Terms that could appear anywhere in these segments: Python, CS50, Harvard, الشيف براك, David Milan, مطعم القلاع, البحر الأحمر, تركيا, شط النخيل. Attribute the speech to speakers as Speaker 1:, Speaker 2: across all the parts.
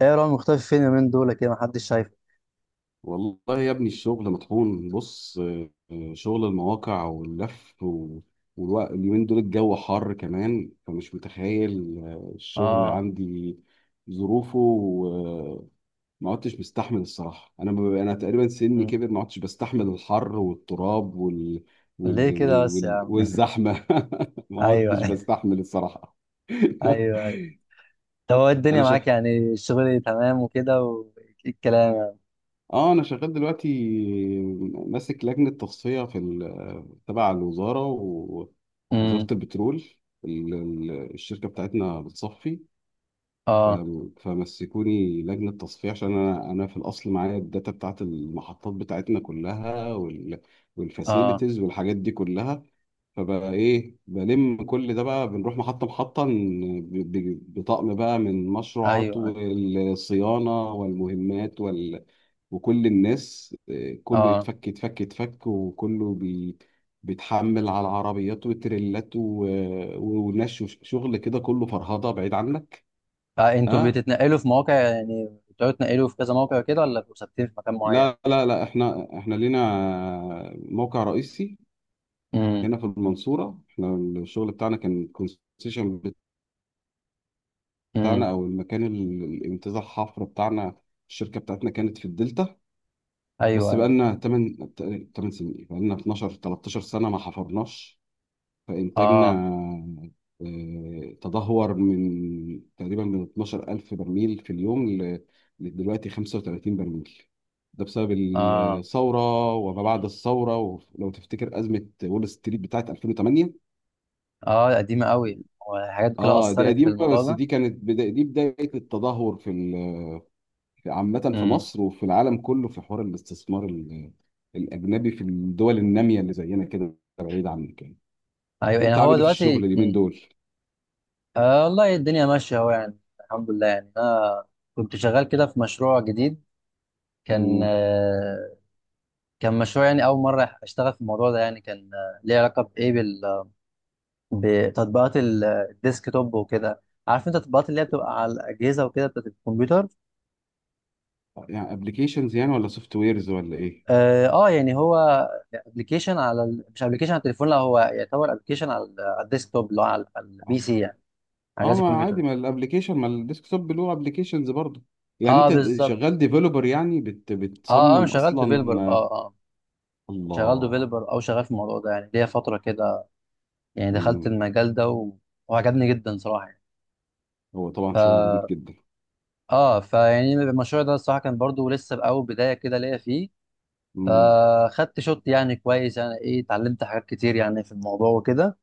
Speaker 1: ايه يا راجل، مختفي فين اليومين دول كده؟ محدش شايفه.
Speaker 2: والله يا ابني، الشغل مطحون. بص، شغل المواقع واللف والوقت. اليومين دول الجو حر كمان، فمش متخيل. الشغل
Speaker 1: اه.
Speaker 2: عندي ظروفه، وما عدتش بستحمل الصراحة. أنا تقريبا سني
Speaker 1: مم.
Speaker 2: كبر، ما عدتش بستحمل الحر والتراب
Speaker 1: ليه كده بس يا عم؟
Speaker 2: والزحمة. ما
Speaker 1: ايوه
Speaker 2: عدتش
Speaker 1: ايوه
Speaker 2: بستحمل الصراحة.
Speaker 1: ايوه. طب هو الدنيا
Speaker 2: أنا
Speaker 1: معاك،
Speaker 2: شغال.
Speaker 1: يعني الشغل تمام وكده، وايه الكلام يعني؟
Speaker 2: اه انا شغال دلوقتي، ماسك لجنه تصفيه تبع الوزاره، ووزاره
Speaker 1: امم.
Speaker 2: البترول. الشركه بتاعتنا بتصفي، ف-
Speaker 1: اه.
Speaker 2: فمسكوني لجنه تصفيه، عشان انا في الاصل معايا الداتا بتاعت المحطات بتاعتنا كلها،
Speaker 1: اه.
Speaker 2: والفاسيلتيز والحاجات دي كلها. فبقى ايه؟ بلم كل ده بقى، بنروح محطة محطة، بطقم بقى، من مشروعات
Speaker 1: ايوه.
Speaker 2: والصيانة والمهمات وكل الناس. كله
Speaker 1: اه,
Speaker 2: يتفك يتفك يتفك، وكله بيتحمل على العربيات وتريلات ونش. شغل كده، كله فرهضة، بعيد عنك.
Speaker 1: آه. انتوا
Speaker 2: اه،
Speaker 1: بتتنقلوا في مواقع، يعني بتقعدوا تنقلوا في كذا موقع كده، ولا بتبقوا ثابتين في مكان معين؟
Speaker 2: لا لا لا، احنا لينا موقع رئيسي
Speaker 1: امم
Speaker 2: هنا في المنصورة. احنا الشغل بتاعنا كان كونسيشن
Speaker 1: امم.
Speaker 2: بتاعنا، او المكان، الامتزاج الحفر بتاعنا. الشركه بتاعتنا كانت في الدلتا، بس
Speaker 1: ايوه، ايوه.
Speaker 2: بقالنا 8 8 سنين. إيه؟ بقالنا 12 13 سنه ما حفرناش، فانتاجنا
Speaker 1: اه.
Speaker 2: تدهور من تقريبا 12000 برميل في اليوم لدلوقتي 35 برميل. ده بسبب
Speaker 1: اه،
Speaker 2: الثوره، وما بعد الثوره، ولو تفتكر ازمه وول ستريت بتاعت 2008.
Speaker 1: اه قديمه قوي. والحاجات دي كلها
Speaker 2: اه، دي
Speaker 1: اثرت في
Speaker 2: قديمه،
Speaker 1: الموضوع
Speaker 2: بس
Speaker 1: ده.
Speaker 2: دي كانت دي بدايه التدهور في عامة في
Speaker 1: امم.
Speaker 2: مصر، وفي العالم كله، في حوار الاستثمار الأجنبي في الدول النامية اللي زينا كده، بعيد عنك يعني.
Speaker 1: ايوه، يعني
Speaker 2: أنت عامل
Speaker 1: هو
Speaker 2: إيه في الشغل
Speaker 1: دلوقتي،
Speaker 2: اليومين دول؟
Speaker 1: آه والله الدنيا ماشية أهو، يعني الحمد لله، يعني أنا كنت شغال كده في مشروع جديد. كان
Speaker 2: امم.
Speaker 1: كان مشروع، يعني أول مرة أشتغل في الموضوع ده. يعني كان ليه علاقة بإيه، بال بتطبيقات الديسك توب وكده. عارف أنت التطبيقات اللي هي بتبقى على الأجهزة وكده، بتاعت الكمبيوتر.
Speaker 2: يعني أبلكيشنز يعني، ولا سوفت ويرز، ولا إيه؟
Speaker 1: آه, يعني هو أبلكيشن على ال... مش أبلكيشن على التليفون، لا هو يعتبر أبلكيشن على على الديسك توب، اللي هو على البي
Speaker 2: أه.
Speaker 1: سي يعني. على جهاز
Speaker 2: ما
Speaker 1: الكمبيوتر.
Speaker 2: عادي، ما الأبلكيشن، ما الديسكتوب له أبلكيشنز برضه. يعني
Speaker 1: أه
Speaker 2: أنت
Speaker 1: بالظبط.
Speaker 2: شغال ديفلوبر، يعني
Speaker 1: أه أنا
Speaker 2: بتصمم
Speaker 1: شغال ديفيلوبر،
Speaker 2: أصلا.
Speaker 1: أه. شغال
Speaker 2: الله.
Speaker 1: ديفيلوبر، او شغال في الموضوع ده، يعني ليا فتره كده. يعني دخلت
Speaker 2: مم.
Speaker 1: المجال ده و... وعجبني جدا صراحه يعني.
Speaker 2: هو طبعا شغل نضيف
Speaker 1: ف
Speaker 2: جدا.
Speaker 1: اه، فيعني المشروع ده الصراحه كان برضو لسه باول بدايه كده ليا فيه.
Speaker 2: امم.
Speaker 1: فخدت شوت يعني كويس. يعني ايه، اتعلمت حاجات كتير يعني في الموضوع وكده.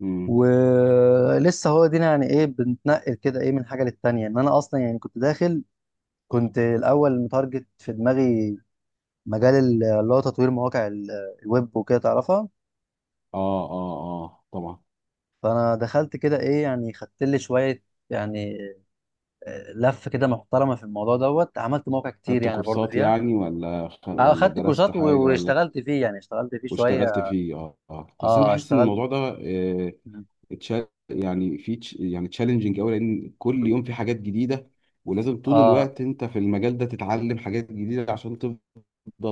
Speaker 2: امم.
Speaker 1: ولسه هو دينا، يعني ايه بنتنقل كده ايه من حاجه للتانيه. انا اصلا يعني كنت داخل، كنت الاول متارجت في دماغي مجال اللي هو تطوير مواقع الويب وكده، تعرفها.
Speaker 2: آه، آه، آه، طبعا.
Speaker 1: فانا دخلت كده ايه، يعني خدت لي شويه يعني لف كده محترمه في الموضوع دوت. عملت مواقع كتير
Speaker 2: خدت
Speaker 1: يعني برضو
Speaker 2: كورسات
Speaker 1: فيها.
Speaker 2: يعني، ولا
Speaker 1: اه،
Speaker 2: ولا
Speaker 1: خدت
Speaker 2: درست
Speaker 1: كورسات
Speaker 2: حاجة، ولا؟
Speaker 1: واشتغلت فيه، يعني اشتغلت فيه شويه.
Speaker 2: واشتغلت فيه. اه، اه، بس انا
Speaker 1: اه،
Speaker 2: بحس ان
Speaker 1: اشتغلت.
Speaker 2: الموضوع ده، اتشال يعني، في يعني تشالنجينج قوي، لان كل يوم في حاجات جديدة، ولازم طول
Speaker 1: اه،
Speaker 2: الوقت انت في المجال ده تتعلم حاجات جديدة عشان تفضل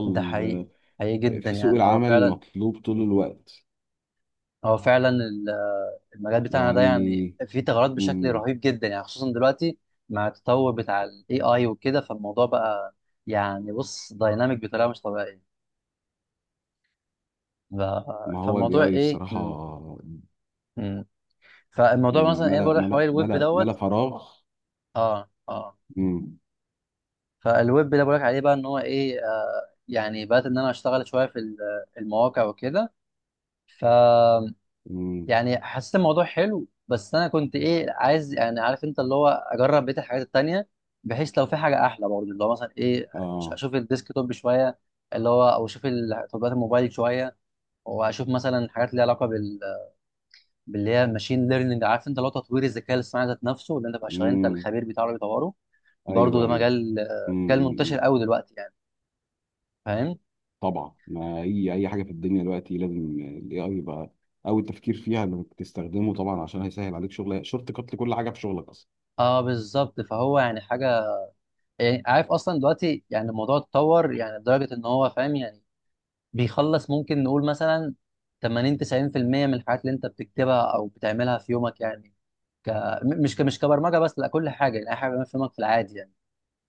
Speaker 1: ده حقيقي. حقيقي جدا،
Speaker 2: في سوق
Speaker 1: يعني هو
Speaker 2: العمل
Speaker 1: فعلا.
Speaker 2: المطلوب طول الوقت.
Speaker 1: هو فعلا المجال بتاعنا ده
Speaker 2: يعني.
Speaker 1: يعني فيه ثغرات بشكل
Speaker 2: مم.
Speaker 1: رهيب جدا، يعني خصوصا دلوقتي مع التطور بتاع الاي اي وكده. فالموضوع بقى، يعني بص دايناميك بطريقه مش طبيعيه. ف-
Speaker 2: ما هو الاي
Speaker 1: فالموضوع
Speaker 2: اي
Speaker 1: ايه،
Speaker 2: الصراحة.
Speaker 1: فالموضوع
Speaker 2: مم،
Speaker 1: مثلا ايه
Speaker 2: ملأ
Speaker 1: بقول لك حوالي
Speaker 2: ملأ
Speaker 1: الويب
Speaker 2: ملأ ملأ
Speaker 1: دوت.
Speaker 2: فراغ.
Speaker 1: اه، اه.
Speaker 2: مم.
Speaker 1: فالويب ده بقول لك عليه بقى ان هو ايه يعني بدات ان انا اشتغل شويه في المواقع وكده. ف
Speaker 2: مم.
Speaker 1: يعني حسيت الموضوع حلو، بس انا كنت ايه عايز، يعني عارف انت اللي هو اجرب بقيه الحاجات التانيه، بحيث لو في حاجه احلى برضه اللي هو مثلا ايه،
Speaker 2: اه.
Speaker 1: اشوف الديسك توب شويه، اللي هو او اشوف تطبيقات الموبايل شويه، واشوف مثلا حاجات ليها علاقه بال... باللي هي ماشين ليرنينج، عارف انت اللي هو تطوير الذكاء الاصطناعي ذات نفسه، اللي انت بقى شغال انت
Speaker 2: مم.
Speaker 1: الخبير بتاعه اللي بيطوره. برضه ده
Speaker 2: ايوه، ايوه.
Speaker 1: مجال مجال منتشر
Speaker 2: امم.
Speaker 1: قوي دلوقتي يعني. فاهم.
Speaker 2: طبعا، ما اي اي حاجه في الدنيا دلوقتي لازم الاي اي يبقى اول تفكير فيها، انك تستخدمه، طبعا، عشان هيسهل عليك شغل، شورت كات لكل حاجه في شغلك اصلا.
Speaker 1: اه بالظبط. فهو يعني حاجه، يعني عارف اصلا دلوقتي، يعني الموضوع اتطور يعني لدرجه ان هو فاهم، يعني بيخلص ممكن نقول مثلا 80 90% من الحاجات اللي انت بتكتبها او بتعملها في يومك يعني. ك... م- مش ك... مش كبرمجه بس، لا كل حاجه، يعني اي حاجه بتعملها في يومك في العادي يعني.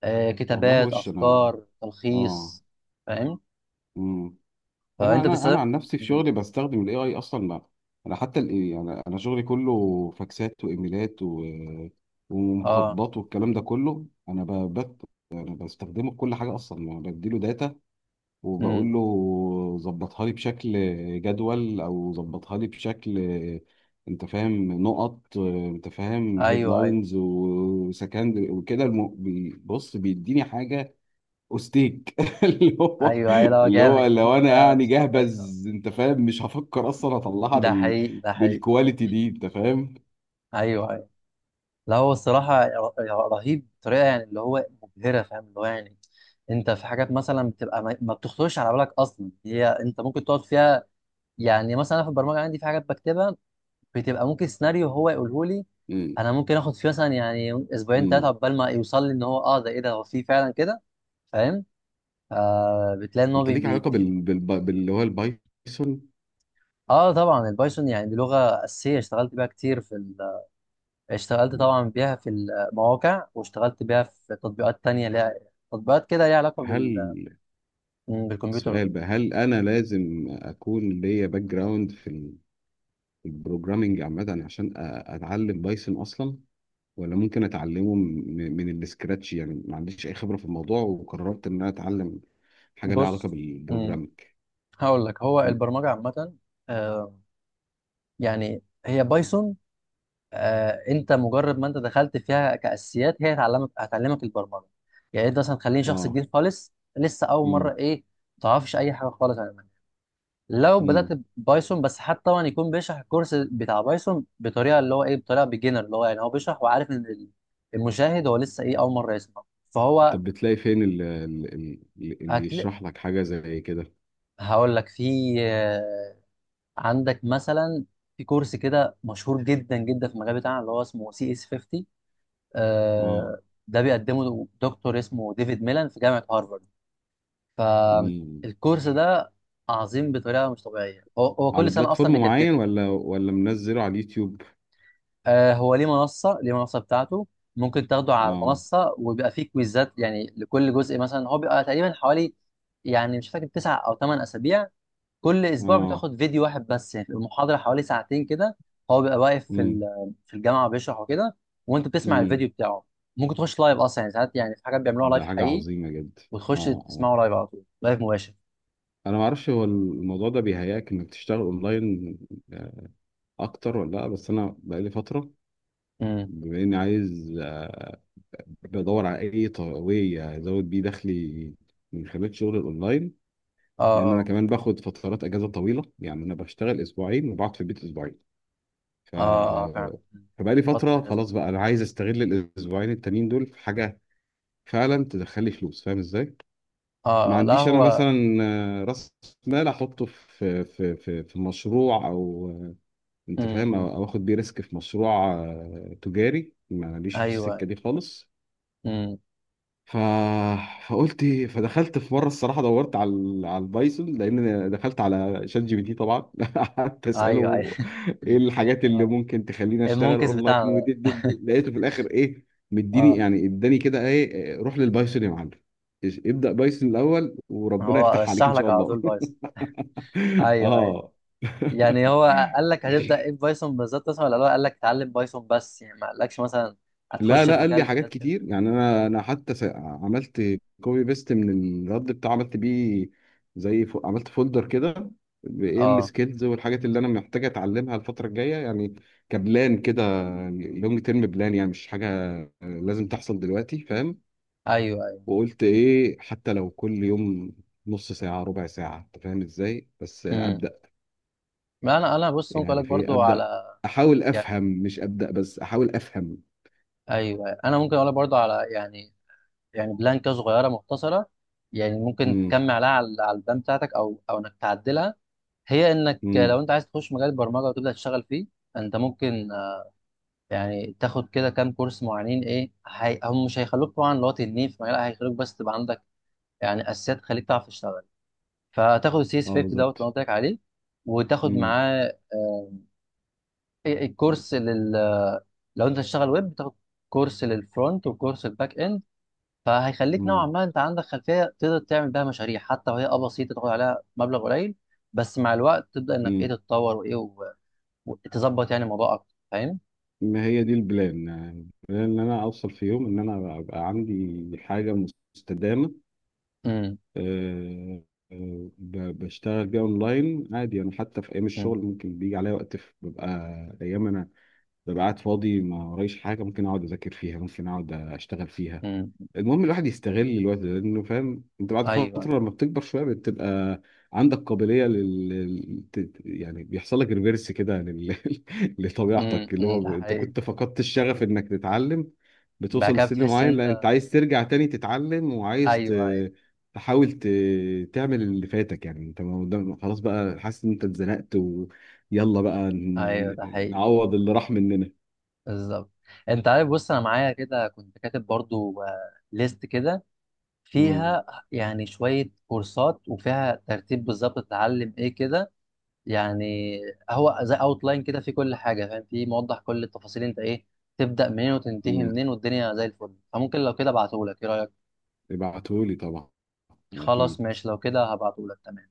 Speaker 1: آه،
Speaker 2: والله،
Speaker 1: كتابات،
Speaker 2: وش انا.
Speaker 1: افكار،
Speaker 2: اه.
Speaker 1: تلخيص. فاهم.
Speaker 2: امم. انا
Speaker 1: فانت
Speaker 2: انا انا
Speaker 1: بتستخدم.
Speaker 2: عن نفسي في
Speaker 1: مم.
Speaker 2: شغلي بستخدم الاي اي اصلا. ما انا حتى يعني انا شغلي كله فاكسات، وايميلات
Speaker 1: اه.
Speaker 2: ومخططات، والكلام ده كله، انا بستخدمه في كل حاجه اصلا. ما بديله داتا،
Speaker 1: امم.
Speaker 2: وبقول له: ظبطها لي بشكل جدول، او ظبطها لي بشكل، انت فاهم، نقط، انت فاهم،
Speaker 1: ايوه ايوه
Speaker 2: هيدلاينز وسكند وكده. بص، بيديني حاجه اوستيك اللي هو
Speaker 1: ايوه ايوه لا
Speaker 2: اللي هو
Speaker 1: جامد
Speaker 2: لو انا
Speaker 1: لا
Speaker 2: يعني
Speaker 1: مش طبيعي آه.
Speaker 2: جهبذ، انت فاهم، مش هفكر اصلا اطلعها
Speaker 1: ده حقيقي، ده حقيقي.
Speaker 2: بالكواليتي دي، انت فاهم.
Speaker 1: ايوه، ايوه. لا هو الصراحه رهيب بطريقه يعني اللي هو مبهره، فاهم اللي هو يعني. انت في حاجات مثلا بتبقى ما بتخطرش على بالك اصلا، هي انت ممكن تقعد فيها. يعني مثلا أنا في البرمجه عندي في حاجات بكتبها، بتبقى ممكن سيناريو هو يقوله لي.
Speaker 2: مم.
Speaker 1: انا ممكن اخد فيه مثلا يعني اسبوعين ثلاثه
Speaker 2: مم.
Speaker 1: عقبال ما يوصل لي ان هو اه ده ايه ده هو فيه فعلا كده. فاهم. آه، بتلاقي ان هو
Speaker 2: انت ليك علاقه
Speaker 1: بيديك.
Speaker 2: باللي هو البايثون؟
Speaker 1: اه طبعا البايثون، يعني دي لغه اساسيه اشتغلت بيها كتير في، اشتغلت طبعا بيها في المواقع، واشتغلت بيها في تطبيقات تانية ليها، تطبيقات كده ليها علاقة بال...
Speaker 2: هل
Speaker 1: مم، بالكمبيوتر
Speaker 2: سؤال
Speaker 1: وكده.
Speaker 2: بقى: هل انا لازم اكون ليا باك جراوند في البروجرامينج عامه، عشان اتعلم بايثون اصلا؟ ولا ممكن اتعلمه من السكراتش، يعني ما عنديش اي خبره في الموضوع، وقررت ان انا اتعلم حاجه ليها علاقه
Speaker 1: بص، مم،
Speaker 2: بالبروجرامينج؟
Speaker 1: هقول لك هو
Speaker 2: ي-
Speaker 1: البرمجة عامة آه، يعني هي بايثون انت مجرد ما انت دخلت فيها كأساسيات هي هتعلمك البرمجة. يعني انت مثلا تخليني شخص
Speaker 2: اه.
Speaker 1: جديد خالص لسه اول مرة
Speaker 2: امم.
Speaker 1: ايه، ما تعرفش اي حاجة خالص عن، لو بدأت
Speaker 2: امم.
Speaker 1: بايثون بس، حتى طبعا يكون بيشرح الكورس بتاع بايثون بطريقه اللي هو ايه، بطريقه بيجنر، اللي هو يعني هو بيشرح وعارف ان المشاهد هو لسه ايه اول مره يسمع. فهو
Speaker 2: طب بتلاقي فين اللي
Speaker 1: هتل...
Speaker 2: يشرح لك حاجه زي كده؟
Speaker 1: هقول لك، في عندك مثلا، في كورس كده مشهور جدا جدا في المجال بتاعنا اللي هو اسمه سي اس 50
Speaker 2: اه.
Speaker 1: آه، ده بيقدمه دكتور اسمه ديفيد ميلان في جامعه هارفارد.
Speaker 2: امم.
Speaker 1: فالكورس ده عظيم بطريقه مش طبيعيه، هو
Speaker 2: على
Speaker 1: كل سنه اصلا
Speaker 2: بلاتفورم
Speaker 1: بيجدده.
Speaker 2: معين، ولا منزله على اليوتيوب؟
Speaker 1: آه، هو ليه منصة ليه منصة بتاعته. ممكن تاخده على
Speaker 2: اه،
Speaker 1: المنصة، وبيبقى فيه كويزات يعني لكل جزء، مثلا هو بيبقى تقريبا حوالي، يعني مش فاكر، تسع أو ثمان أسابيع. كل أسبوع
Speaker 2: اه.
Speaker 1: بتاخد فيديو واحد بس يعني، المحاضرة حوالي ساعتين كده. هو بيبقى واقف في في الجامعة بيشرح وكده، وأنت بتسمع
Speaker 2: امم.
Speaker 1: الفيديو بتاعه. ممكن تخش لايف أصلا، يعني ساعات يعني في حاجات بيعملوها
Speaker 2: ده
Speaker 1: لايف
Speaker 2: حاجة
Speaker 1: حقيقي،
Speaker 2: عظيمة جدا.
Speaker 1: وتخش
Speaker 2: اه، اه.
Speaker 1: تسمعه لايف على طول، لايف مباشر.
Speaker 2: انا ما اعرفش، هو الموضوع ده بيهيأك انك تشتغل اونلاين آه، اكتر ولا لا؟ بس انا بقالي فترة،
Speaker 1: امم.
Speaker 2: بما اني عايز، بدور على اي واي ازود بيه دخلي من خلال شغل الاونلاين،
Speaker 1: اه،
Speaker 2: لان انا
Speaker 1: اه.
Speaker 2: كمان باخد فترات اجازة طويلة. يعني انا بشتغل اسبوعين، وبقعد في البيت اسبوعين، ف
Speaker 1: اه، اه فعلا. مم.
Speaker 2: فبقالي
Speaker 1: فترة
Speaker 2: فترة.
Speaker 1: كده.
Speaker 2: خلاص بقى، انا عايز استغل الاسبوعين التانيين دول في حاجة فعلا تدخل لي فلوس، فاهم ازاي. ما
Speaker 1: اه لا
Speaker 2: عنديش انا
Speaker 1: هو.
Speaker 2: مثلا راس مال احطه في مشروع، او، انت
Speaker 1: امم،
Speaker 2: فاهم،
Speaker 1: أمم.
Speaker 2: أو اخد بيه ريسك في مشروع تجاري. ماليش في السكه
Speaker 1: ايوه.
Speaker 2: دي خالص.
Speaker 1: مم.
Speaker 2: ف... فقلت، فدخلت في مره، الصراحه دورت على على البايثون، لان أنا دخلت على شات جي بي تي طبعا قعدت
Speaker 1: ايوه، ايوه.
Speaker 2: اساله: ايه الحاجات اللي
Speaker 1: اه،
Speaker 2: ممكن تخليني اشتغل
Speaker 1: المنكس
Speaker 2: اونلاين؟
Speaker 1: بتاعنا ده.
Speaker 2: ودي دي دي. لقيته في الاخر ايه؟ مديني،
Speaker 1: اه.
Speaker 2: يعني اداني كده ايه إيه، روح للبايثون يا معلم، ابدا بايثون الاول، وربنا
Speaker 1: هو
Speaker 2: يفتح عليك
Speaker 1: رشح
Speaker 2: ان
Speaker 1: لك
Speaker 2: شاء
Speaker 1: على طول
Speaker 2: الله.
Speaker 1: بايثون؟ ايوه، ايوه.
Speaker 2: اه.
Speaker 1: يعني هو قال لك هتبدا ايه، بايثون بالظبط اصلا، ولا هو قال لك اتعلم بايثون بس، يعني ما قالكش مثلا
Speaker 2: لا،
Speaker 1: هتخش
Speaker 2: لا،
Speaker 1: في
Speaker 2: قال لي
Speaker 1: مجال
Speaker 2: حاجات
Speaker 1: كذا كذا؟
Speaker 2: كتير. يعني انا حتى عملت كوبي بيست من الرد بتاعه، عملت بيه زي، عملت فولدر كده بايه
Speaker 1: اه.
Speaker 2: السكيلز والحاجات اللي انا محتاج اتعلمها الفتره الجايه، يعني كبلان كده، لونج تيرم بلان، يعني مش حاجه لازم تحصل دلوقتي، فاهم.
Speaker 1: ايوه، ايوه.
Speaker 2: وقلت ايه، حتى لو كل يوم نص ساعه، ربع ساعه، انت فاهم ازاي، بس
Speaker 1: امم.
Speaker 2: ابدا.
Speaker 1: ما انا بص ممكن
Speaker 2: يعني
Speaker 1: اقول لك
Speaker 2: في إيه؟
Speaker 1: برضو
Speaker 2: ابدا
Speaker 1: على
Speaker 2: احاول
Speaker 1: يعني.
Speaker 2: افهم، مش ابدا بس، احاول افهم.
Speaker 1: ايوه أيوة. انا ممكن اقول لك برضو على يعني، يعني بلان كده صغيره مختصره، يعني ممكن
Speaker 2: امم.
Speaker 1: تكمل عليها على البلان بتاعتك، او انك تعدلها. هي انك لو
Speaker 2: امم.
Speaker 1: انت عايز تخش مجال البرمجه وتبدا تشتغل فيه، انت ممكن يعني تاخد كده كام كورس معينين. ايه هي... هم مش هيخلوك طبعا اللي هو تنين في مجال، هيخلوك بس تبقى عندك يعني اساسيات تخليك تعرف تشتغل. فتاخد السي اس
Speaker 2: اه،
Speaker 1: 50 دوت اللي أنا
Speaker 2: بالظبط.
Speaker 1: قلت لك عليه، وتاخد معاه إيه- الكورس لل، لو انت تشتغل ويب، تاخد كورس للفرونت، وكورس الباك اند. فهيخليك نوعا
Speaker 2: مم.
Speaker 1: ما انت عندك خلفيه تقدر تعمل بيها مشاريع حتى وهي اه بسيطه، تاخد عليها مبلغ قليل. بس مع الوقت تبدا انك ايه
Speaker 2: مم.
Speaker 1: تتطور، وايه وتظبط يعني الموضوع اكتر، فاهم؟
Speaker 2: ما هي دي البلان. يعني البلان ان انا اوصل في يوم ان انا ابقى عندي حاجه مستدامه.
Speaker 1: امم
Speaker 2: أه. بشتغل بيها اونلاين عادي. انا حتى في ايام الشغل
Speaker 1: امم
Speaker 2: ممكن بيجي عليا وقت ببقى ايام انا ببقى قاعد فاضي، ما ورايش حاجه، ممكن اقعد اذاكر فيها، ممكن اقعد اشتغل فيها.
Speaker 1: امم.
Speaker 2: المهم الواحد يستغل الوقت ده، لانه فاهم انت بعد
Speaker 1: ايوه.
Speaker 2: فتره لما بتكبر شويه بتبقى عندك قابليه يعني بيحصل لك ريفيرس كده
Speaker 1: امم،
Speaker 2: لطبيعتك، اللي
Speaker 1: أمم،
Speaker 2: هو
Speaker 1: ده
Speaker 2: انت
Speaker 1: حقيقي.
Speaker 2: كنت فقدت الشغف انك تتعلم،
Speaker 1: بعد
Speaker 2: بتوصل
Speaker 1: كده
Speaker 2: لسن
Speaker 1: بتحس
Speaker 2: معين لا انت
Speaker 1: انت،
Speaker 2: عايز ترجع تاني تتعلم، وعايز
Speaker 1: ايوه، ايوه،
Speaker 2: تحاول تعمل اللي فاتك. يعني انت ما خلاص بقى حاسس ان انت اتزنقت، ويلا بقى
Speaker 1: ايوه، ده حقيقي.
Speaker 2: نعوض اللي راح مننا.
Speaker 1: بالظبط. انت عارف بص انا معايا كده كنت كاتب برضو ليست كده
Speaker 2: امم.
Speaker 1: فيها، يعني شويه كورسات وفيها ترتيب بالظبط تتعلم ايه كده. يعني هو زي لاين كده في كل حاجه، فاهم، في موضح كل التفاصيل، انت ايه تبدا منين وتنتهي
Speaker 2: امم.
Speaker 1: منين، والدنيا زي الفل. فممكن لو كده ابعتهولك، ايه رايك؟
Speaker 2: ابعتهولي طبعا،
Speaker 1: خلاص
Speaker 2: اكيد.
Speaker 1: ماشي، لو كده هبعتهولك. تمام.